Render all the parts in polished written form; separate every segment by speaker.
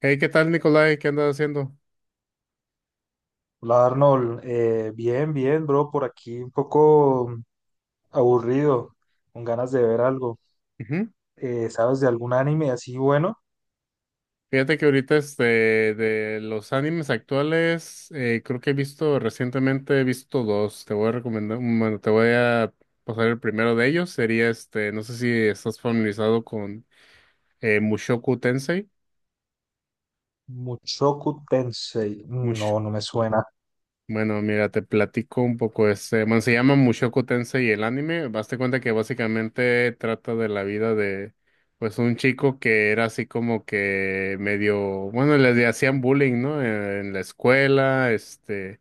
Speaker 1: Hey, ¿qué tal, Nicolai? ¿Qué andas haciendo?
Speaker 2: Hola Arnold. Bien, bro, por aquí un poco aburrido, con ganas de ver algo.
Speaker 1: Ujú.
Speaker 2: ¿Sabes de algún anime así bueno?
Speaker 1: Fíjate que ahorita de los animes actuales, creo que he visto recientemente, he visto dos. Te voy a recomendar, bueno, te voy a pasar el primero de ellos. Sería este, no sé si estás familiarizado con Mushoku Tensei.
Speaker 2: Mushoku Tensei. Mm, no, no me suena.
Speaker 1: Bueno, mira, te platico un poco. Este, bueno, se llama Mushoku Tensei el anime. Baste cuenta que básicamente trata de la vida de, pues, un chico que era así como que medio, bueno, le hacían bullying, ¿no? En la escuela, este,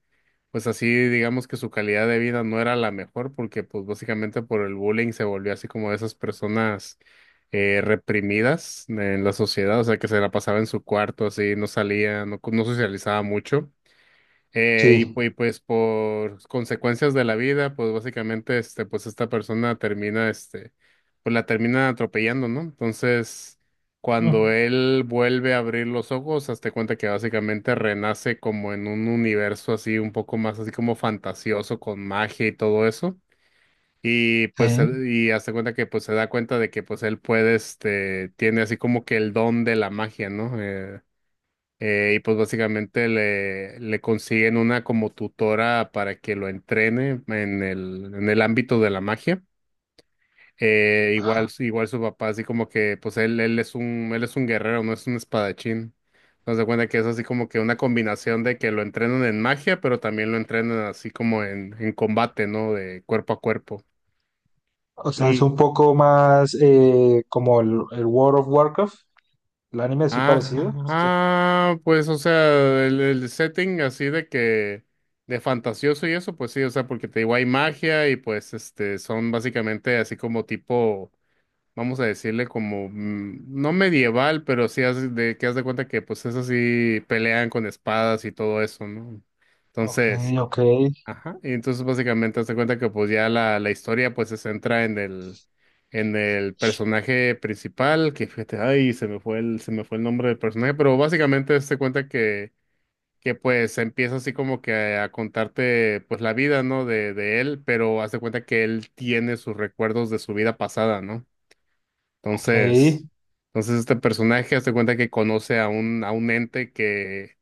Speaker 1: pues así, digamos que su calidad de vida no era la mejor porque, pues, básicamente por el bullying se volvió así como de esas personas reprimidas en la sociedad, o sea, que se la pasaba en su cuarto, así, no salía, no socializaba mucho.
Speaker 2: Sí.
Speaker 1: Y pues por consecuencias de la vida, pues básicamente este, pues esta persona termina, este, pues la termina atropellando, ¿no? Entonces, cuando
Speaker 2: Mm.
Speaker 1: él vuelve a abrir los ojos, hazte cuenta que básicamente renace como en un universo así un poco más así como fantasioso con magia y todo eso.
Speaker 2: Sí.
Speaker 1: Y hazte cuenta que pues se da cuenta de que pues él puede, este, tiene así como que el don de la magia, ¿no? Y pues básicamente le consiguen una como tutora para que lo entrene en en el ámbito de la magia. Igual su papá, así como que, pues él, él es un guerrero, no es un espadachín. Entonces se cuenta que es así como que una combinación de que lo entrenan en magia, pero también lo entrenan así como en combate, ¿no? De cuerpo a cuerpo.
Speaker 2: O sea, es un poco más como el World of Warcraft, el anime así
Speaker 1: Ah,
Speaker 2: parecido. Sí, sí.
Speaker 1: pues, o sea, el setting así de que, de fantasioso y eso, pues sí, o sea, porque te digo, hay magia y pues, este, son básicamente así como tipo, vamos a decirle como, mm, no medieval, pero sí que haz de cuenta que, pues, es así, pelean con espadas y todo eso, ¿no?
Speaker 2: Ok,
Speaker 1: Entonces,
Speaker 2: ok,
Speaker 1: ajá. Y entonces básicamente hazte cuenta que pues ya la historia pues se centra en el personaje principal, que fíjate, ay, se me fue el nombre del personaje, pero básicamente hazte cuenta que pues empieza así como que contarte pues la vida, ¿no? De él, pero hazte cuenta que él tiene sus recuerdos de su vida pasada, ¿no?
Speaker 2: ok.
Speaker 1: Entonces, entonces, este personaje hazte cuenta que conoce a un ente que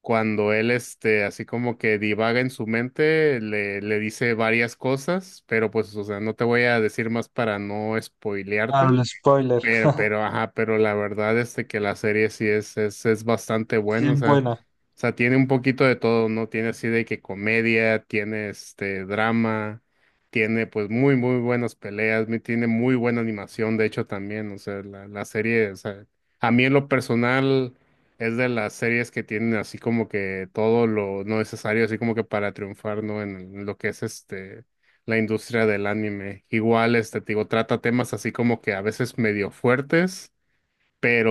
Speaker 1: cuando él, este, así como que divaga en su mente, le dice varias cosas, pero pues, o sea, no te voy a decir más para no
Speaker 2: Claro,
Speaker 1: spoilearte.
Speaker 2: el spoiler.
Speaker 1: Ajá, pero la verdad este que la serie sí es bastante
Speaker 2: Sí,
Speaker 1: buena, o
Speaker 2: es
Speaker 1: sea,
Speaker 2: buena.
Speaker 1: o sea, tiene un poquito de todo, ¿no? Tiene así de que comedia, tiene este drama, tiene pues muy buenas peleas, tiene muy buena animación, de hecho también, o sea, la serie, o sea, a mí en lo personal es de las series que tienen así como que todo lo necesario, así como que para triunfar, ¿no? En lo que es este la industria del anime. Igual, este, te digo, trata temas así como que a veces medio fuertes,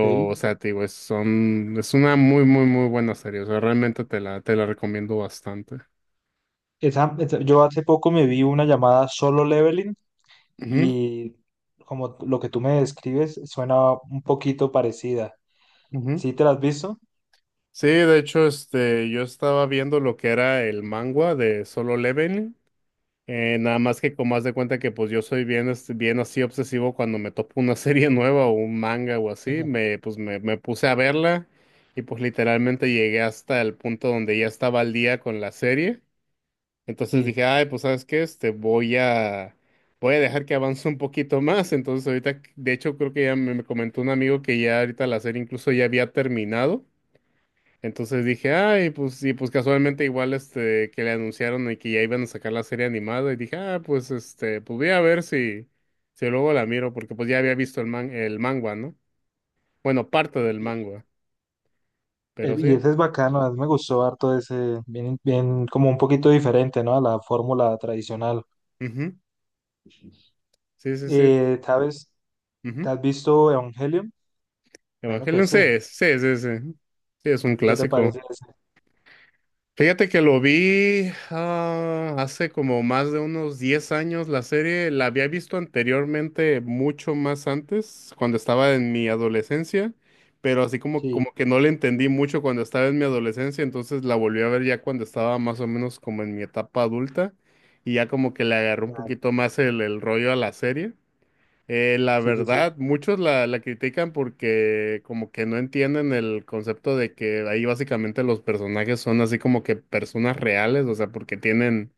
Speaker 2: Ok.
Speaker 1: o sea, te digo, es una muy buena serie. O sea, realmente te la recomiendo bastante.
Speaker 2: Yo hace poco me vi una llamada Solo Leveling
Speaker 1: Ujú,
Speaker 2: y como lo que tú me describes suena un poquito parecida.
Speaker 1: ujú.
Speaker 2: ¿Sí te la has visto?
Speaker 1: Sí, de hecho, este, yo estaba viendo lo que era el manga de Solo Leveling. Nada más que como haz de cuenta que pues yo soy bien, este, bien así obsesivo cuando me topo una serie nueva o un manga o así,
Speaker 2: Ajá.
Speaker 1: me puse a verla y pues literalmente llegué hasta el punto donde ya estaba al día con la serie. Entonces
Speaker 2: Sí.
Speaker 1: dije, ay, pues ¿sabes qué? Este, voy a dejar que avance un poquito más. Entonces ahorita, de hecho creo que me comentó un amigo que ya ahorita la serie incluso ya había terminado. Entonces dije, ay, pues, y pues casualmente igual este que le anunciaron y que ya iban a sacar la serie animada, y dije, ah, pues este, pues voy a ver si, si luego la miro, porque pues ya había visto el manga, ¿no? Bueno, parte del
Speaker 2: Y,
Speaker 1: manga, pero
Speaker 2: y
Speaker 1: sí,
Speaker 2: ese es bacano, a mí me gustó harto ese, bien, bien, como un poquito diferente, ¿no? A la fórmula tradicional.
Speaker 1: ujú. Sí, sí, sí,
Speaker 2: ¿Sabes? ¿Te
Speaker 1: ujú.
Speaker 2: has visto Evangelion? Bueno que
Speaker 1: Evangelion sí
Speaker 2: sí.
Speaker 1: es, sí, sí, sí. Sí, es un
Speaker 2: ¿Y qué te
Speaker 1: clásico.
Speaker 2: parece ese?
Speaker 1: Fíjate que lo vi ah, hace como más de unos 10 años la serie, la había visto anteriormente mucho más antes, cuando estaba en mi adolescencia, pero así como,
Speaker 2: Sí,
Speaker 1: como que no le entendí mucho cuando estaba en mi adolescencia, entonces la volví a ver ya cuando estaba más o menos como en mi etapa adulta y ya como que le agarró un
Speaker 2: claro.
Speaker 1: poquito más el rollo a la serie. La
Speaker 2: Sí, sí, sí.
Speaker 1: verdad, muchos la critican porque como que no entienden el concepto de que ahí básicamente los personajes son así como que personas reales, o sea, porque tienen,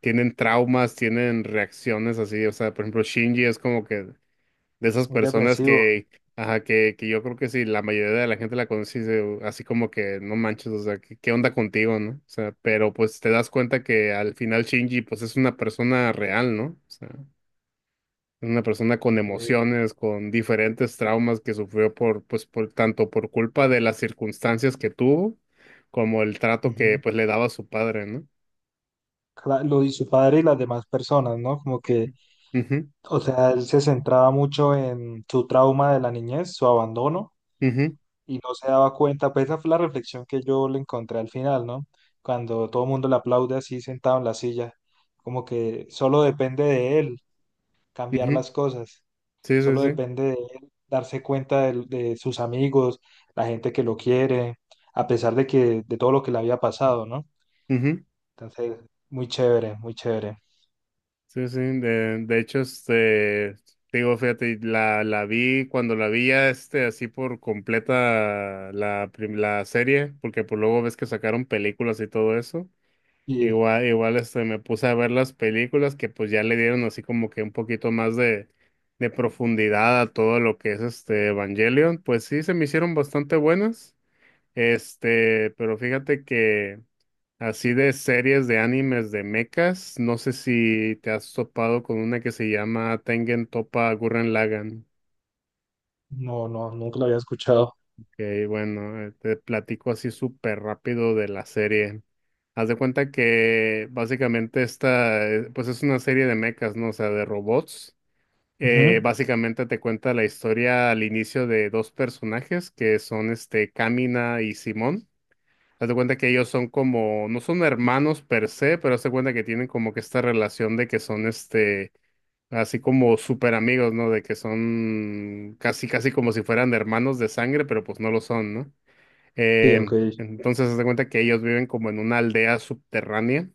Speaker 1: tienen traumas, tienen reacciones así, o sea, por ejemplo, Shinji es como que de esas
Speaker 2: Muy
Speaker 1: personas
Speaker 2: depresivo.
Speaker 1: que, ajá, que yo creo que si la mayoría de la gente la conoce, dice, "Oh, así como que no manches, o sea, ¿qué onda contigo, no? O sea, pero pues te das cuenta que al final Shinji pues es una persona real, ¿no? O sea una persona con
Speaker 2: Ok.
Speaker 1: emociones, con diferentes traumas que sufrió por, pues, por tanto por culpa de las circunstancias que tuvo, como el trato que
Speaker 2: Ujú.
Speaker 1: pues le daba su padre, ¿no?
Speaker 2: Lo y su padre y las demás personas, ¿no? Como que,
Speaker 1: Ujú,
Speaker 2: o sea, él se centraba mucho en su trauma de la niñez, su abandono,
Speaker 1: ujú,
Speaker 2: y no se daba cuenta. Pues esa fue la reflexión que yo le encontré al final, ¿no? Cuando todo el mundo le aplaude así sentado en la silla, como que solo depende de él cambiar
Speaker 1: ujú.
Speaker 2: las cosas.
Speaker 1: Sí, sí,
Speaker 2: Solo
Speaker 1: sí.
Speaker 2: depende de él darse cuenta de sus amigos, la gente que lo quiere, a pesar de que de todo lo que le había pasado, ¿no?
Speaker 1: Ujú.
Speaker 2: Entonces, muy chévere, muy chévere.
Speaker 1: Sí, sí. De hecho, este, digo, fíjate, la vi cuando la vi ya este, así por completa la serie, porque pues luego ves que sacaron películas y todo eso.
Speaker 2: Y
Speaker 1: Igual este, me puse a ver las películas que pues ya le dieron así como que un poquito más de profundidad a todo lo que es este Evangelion. Pues sí, se me hicieron bastante buenas. Este, pero fíjate que así de series de animes de mechas, no sé si te has topado con una que se llama Tengen Toppa Gurren Lagann.
Speaker 2: no, no, nunca lo había escuchado.
Speaker 1: Ok, bueno, te platico así súper rápido de la serie. Haz de cuenta que básicamente esta, pues es una serie de mechas, ¿no? O sea, de robots.
Speaker 2: Ujú.
Speaker 1: Básicamente te cuenta la historia al inicio de dos personajes que son este, Kamina y Simón. Haz de cuenta que ellos son como, no son hermanos per se, pero haz de cuenta que tienen como que esta relación de que son este, así como súper amigos, ¿no? De que son casi, casi como si fueran hermanos de sangre, pero pues no lo son, ¿no?
Speaker 2: Sí, ok.
Speaker 1: Entonces, se da cuenta que ellos viven como en una aldea subterránea,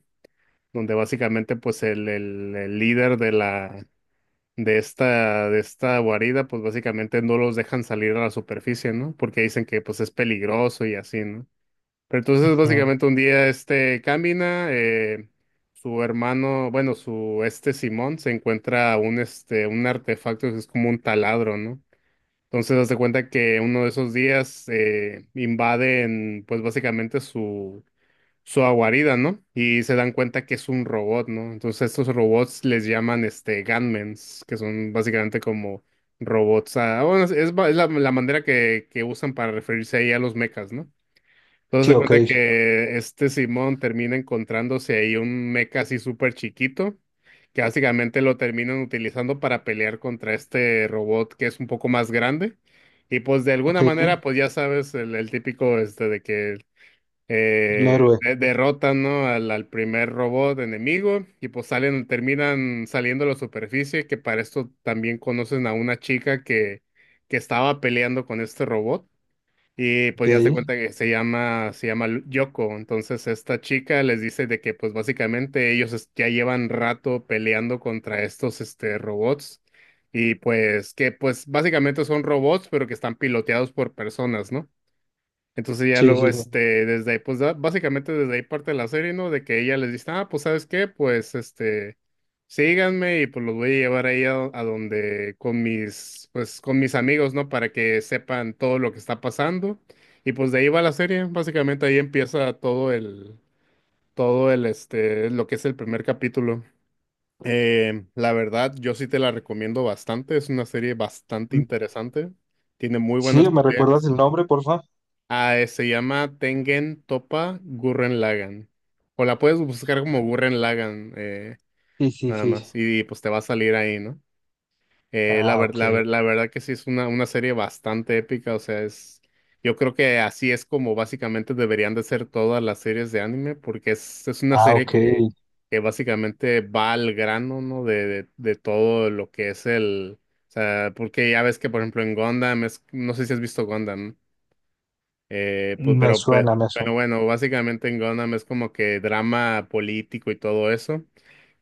Speaker 1: donde básicamente, pues, el líder de de esta guarida, pues, básicamente no los dejan salir a la superficie, ¿no? Porque dicen que, pues, es peligroso y así, ¿no? Pero entonces,
Speaker 2: Ujú.
Speaker 1: básicamente, un día, este, camina, su hermano, bueno, su, este Simón, se encuentra un, este, un artefacto que es como un taladro, ¿no? Entonces, haz de cuenta que uno de esos días invaden, pues básicamente su guarida, ¿no? Y se dan cuenta que es un robot, ¿no? Entonces, estos robots les llaman este Gunmans, que son básicamente como robots. Ah, bueno, es la manera que usan para referirse ahí a los mechas, ¿no? Entonces
Speaker 2: Sí,
Speaker 1: se
Speaker 2: ok.
Speaker 1: cuenta que este Simón termina encontrándose ahí un mecha así súper chiquito, que básicamente lo terminan utilizando para pelear contra este robot que es un poco más grande. Y pues de
Speaker 2: Ok,
Speaker 1: alguna
Speaker 2: el
Speaker 1: manera, pues ya sabes, el típico este de que
Speaker 2: héroe.
Speaker 1: derrotan, ¿no? Al primer robot enemigo y pues salen, terminan saliendo a la superficie, que para esto también conocen a una chica que estaba peleando con este robot. Y
Speaker 2: Ok.
Speaker 1: pues ya se
Speaker 2: Sí,
Speaker 1: cuenta que se llama Yoko. Entonces esta chica les dice de que pues básicamente ya llevan rato peleando contra estos este, robots. Y pues que pues básicamente son robots, pero que están piloteados por personas, ¿no? Entonces ya
Speaker 2: sí,
Speaker 1: luego,
Speaker 2: sí.
Speaker 1: este, desde ahí, básicamente desde ahí parte la serie, ¿no? De que ella les dice, ah, pues ¿sabes qué? Pues, este, síganme y pues los voy a llevar ahí a donde, con mis, pues con mis amigos, ¿no? Para que sepan todo lo que está pasando. Y pues de ahí va la serie, básicamente ahí empieza todo el, este, lo que es el primer capítulo. La verdad, yo sí te la recomiendo bastante, es una serie bastante
Speaker 2: Mm.
Speaker 1: interesante, tiene muy
Speaker 2: Sí,
Speaker 1: buenas
Speaker 2: ¿me recuerdas
Speaker 1: peleas.
Speaker 2: el nombre, porfa?
Speaker 1: Ah, se llama Tengen Toppa Gurren Lagann. O la puedes buscar como Gurren Lagann,
Speaker 2: Sí, sí,
Speaker 1: nada
Speaker 2: sí, sí.
Speaker 1: más. Pues te va a salir ahí, ¿no?
Speaker 2: Ah, ok.
Speaker 1: La verdad que sí es una serie bastante épica. O sea, es. Yo creo que así es como básicamente deberían de ser todas las series de anime, porque es una
Speaker 2: Ah,
Speaker 1: serie
Speaker 2: ok.
Speaker 1: que básicamente va al grano, ¿no? De todo lo que es el. O sea, porque ya ves que, por ejemplo, en Gundam, es, no sé si has visto Gundam, ¿no?
Speaker 2: Me suena, me
Speaker 1: Pero
Speaker 2: suena.
Speaker 1: bueno, básicamente en Gundam es como que drama político y todo eso.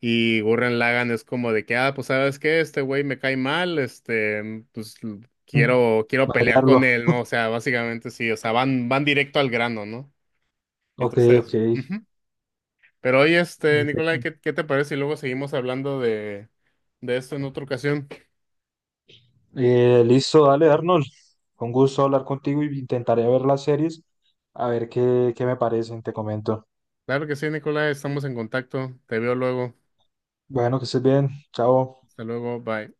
Speaker 1: Y Gurren Lagann es como de que, ah, pues sabes qué, este güey me cae mal, este, mm,
Speaker 2: Mm.
Speaker 1: quiero, quiero pelear con
Speaker 2: Variarlo.
Speaker 1: él, ¿no? O sea, básicamente sí, o sea, van directo al grano, ¿no?
Speaker 2: Ok, ok.
Speaker 1: Entonces, ujú. Pero oye, este, Nicolai, ¿qué te parece? Y luego seguimos hablando de esto en otra ocasión.
Speaker 2: Listo, dale, Arnold. Con gusto hablar contigo y intentaré ver las series, a ver qué me parecen, te comento.
Speaker 1: Claro que sí, Nicolai, estamos en contacto. Te veo luego.
Speaker 2: Bueno, que estés bien. Chao.
Speaker 1: Hasta luego, bye.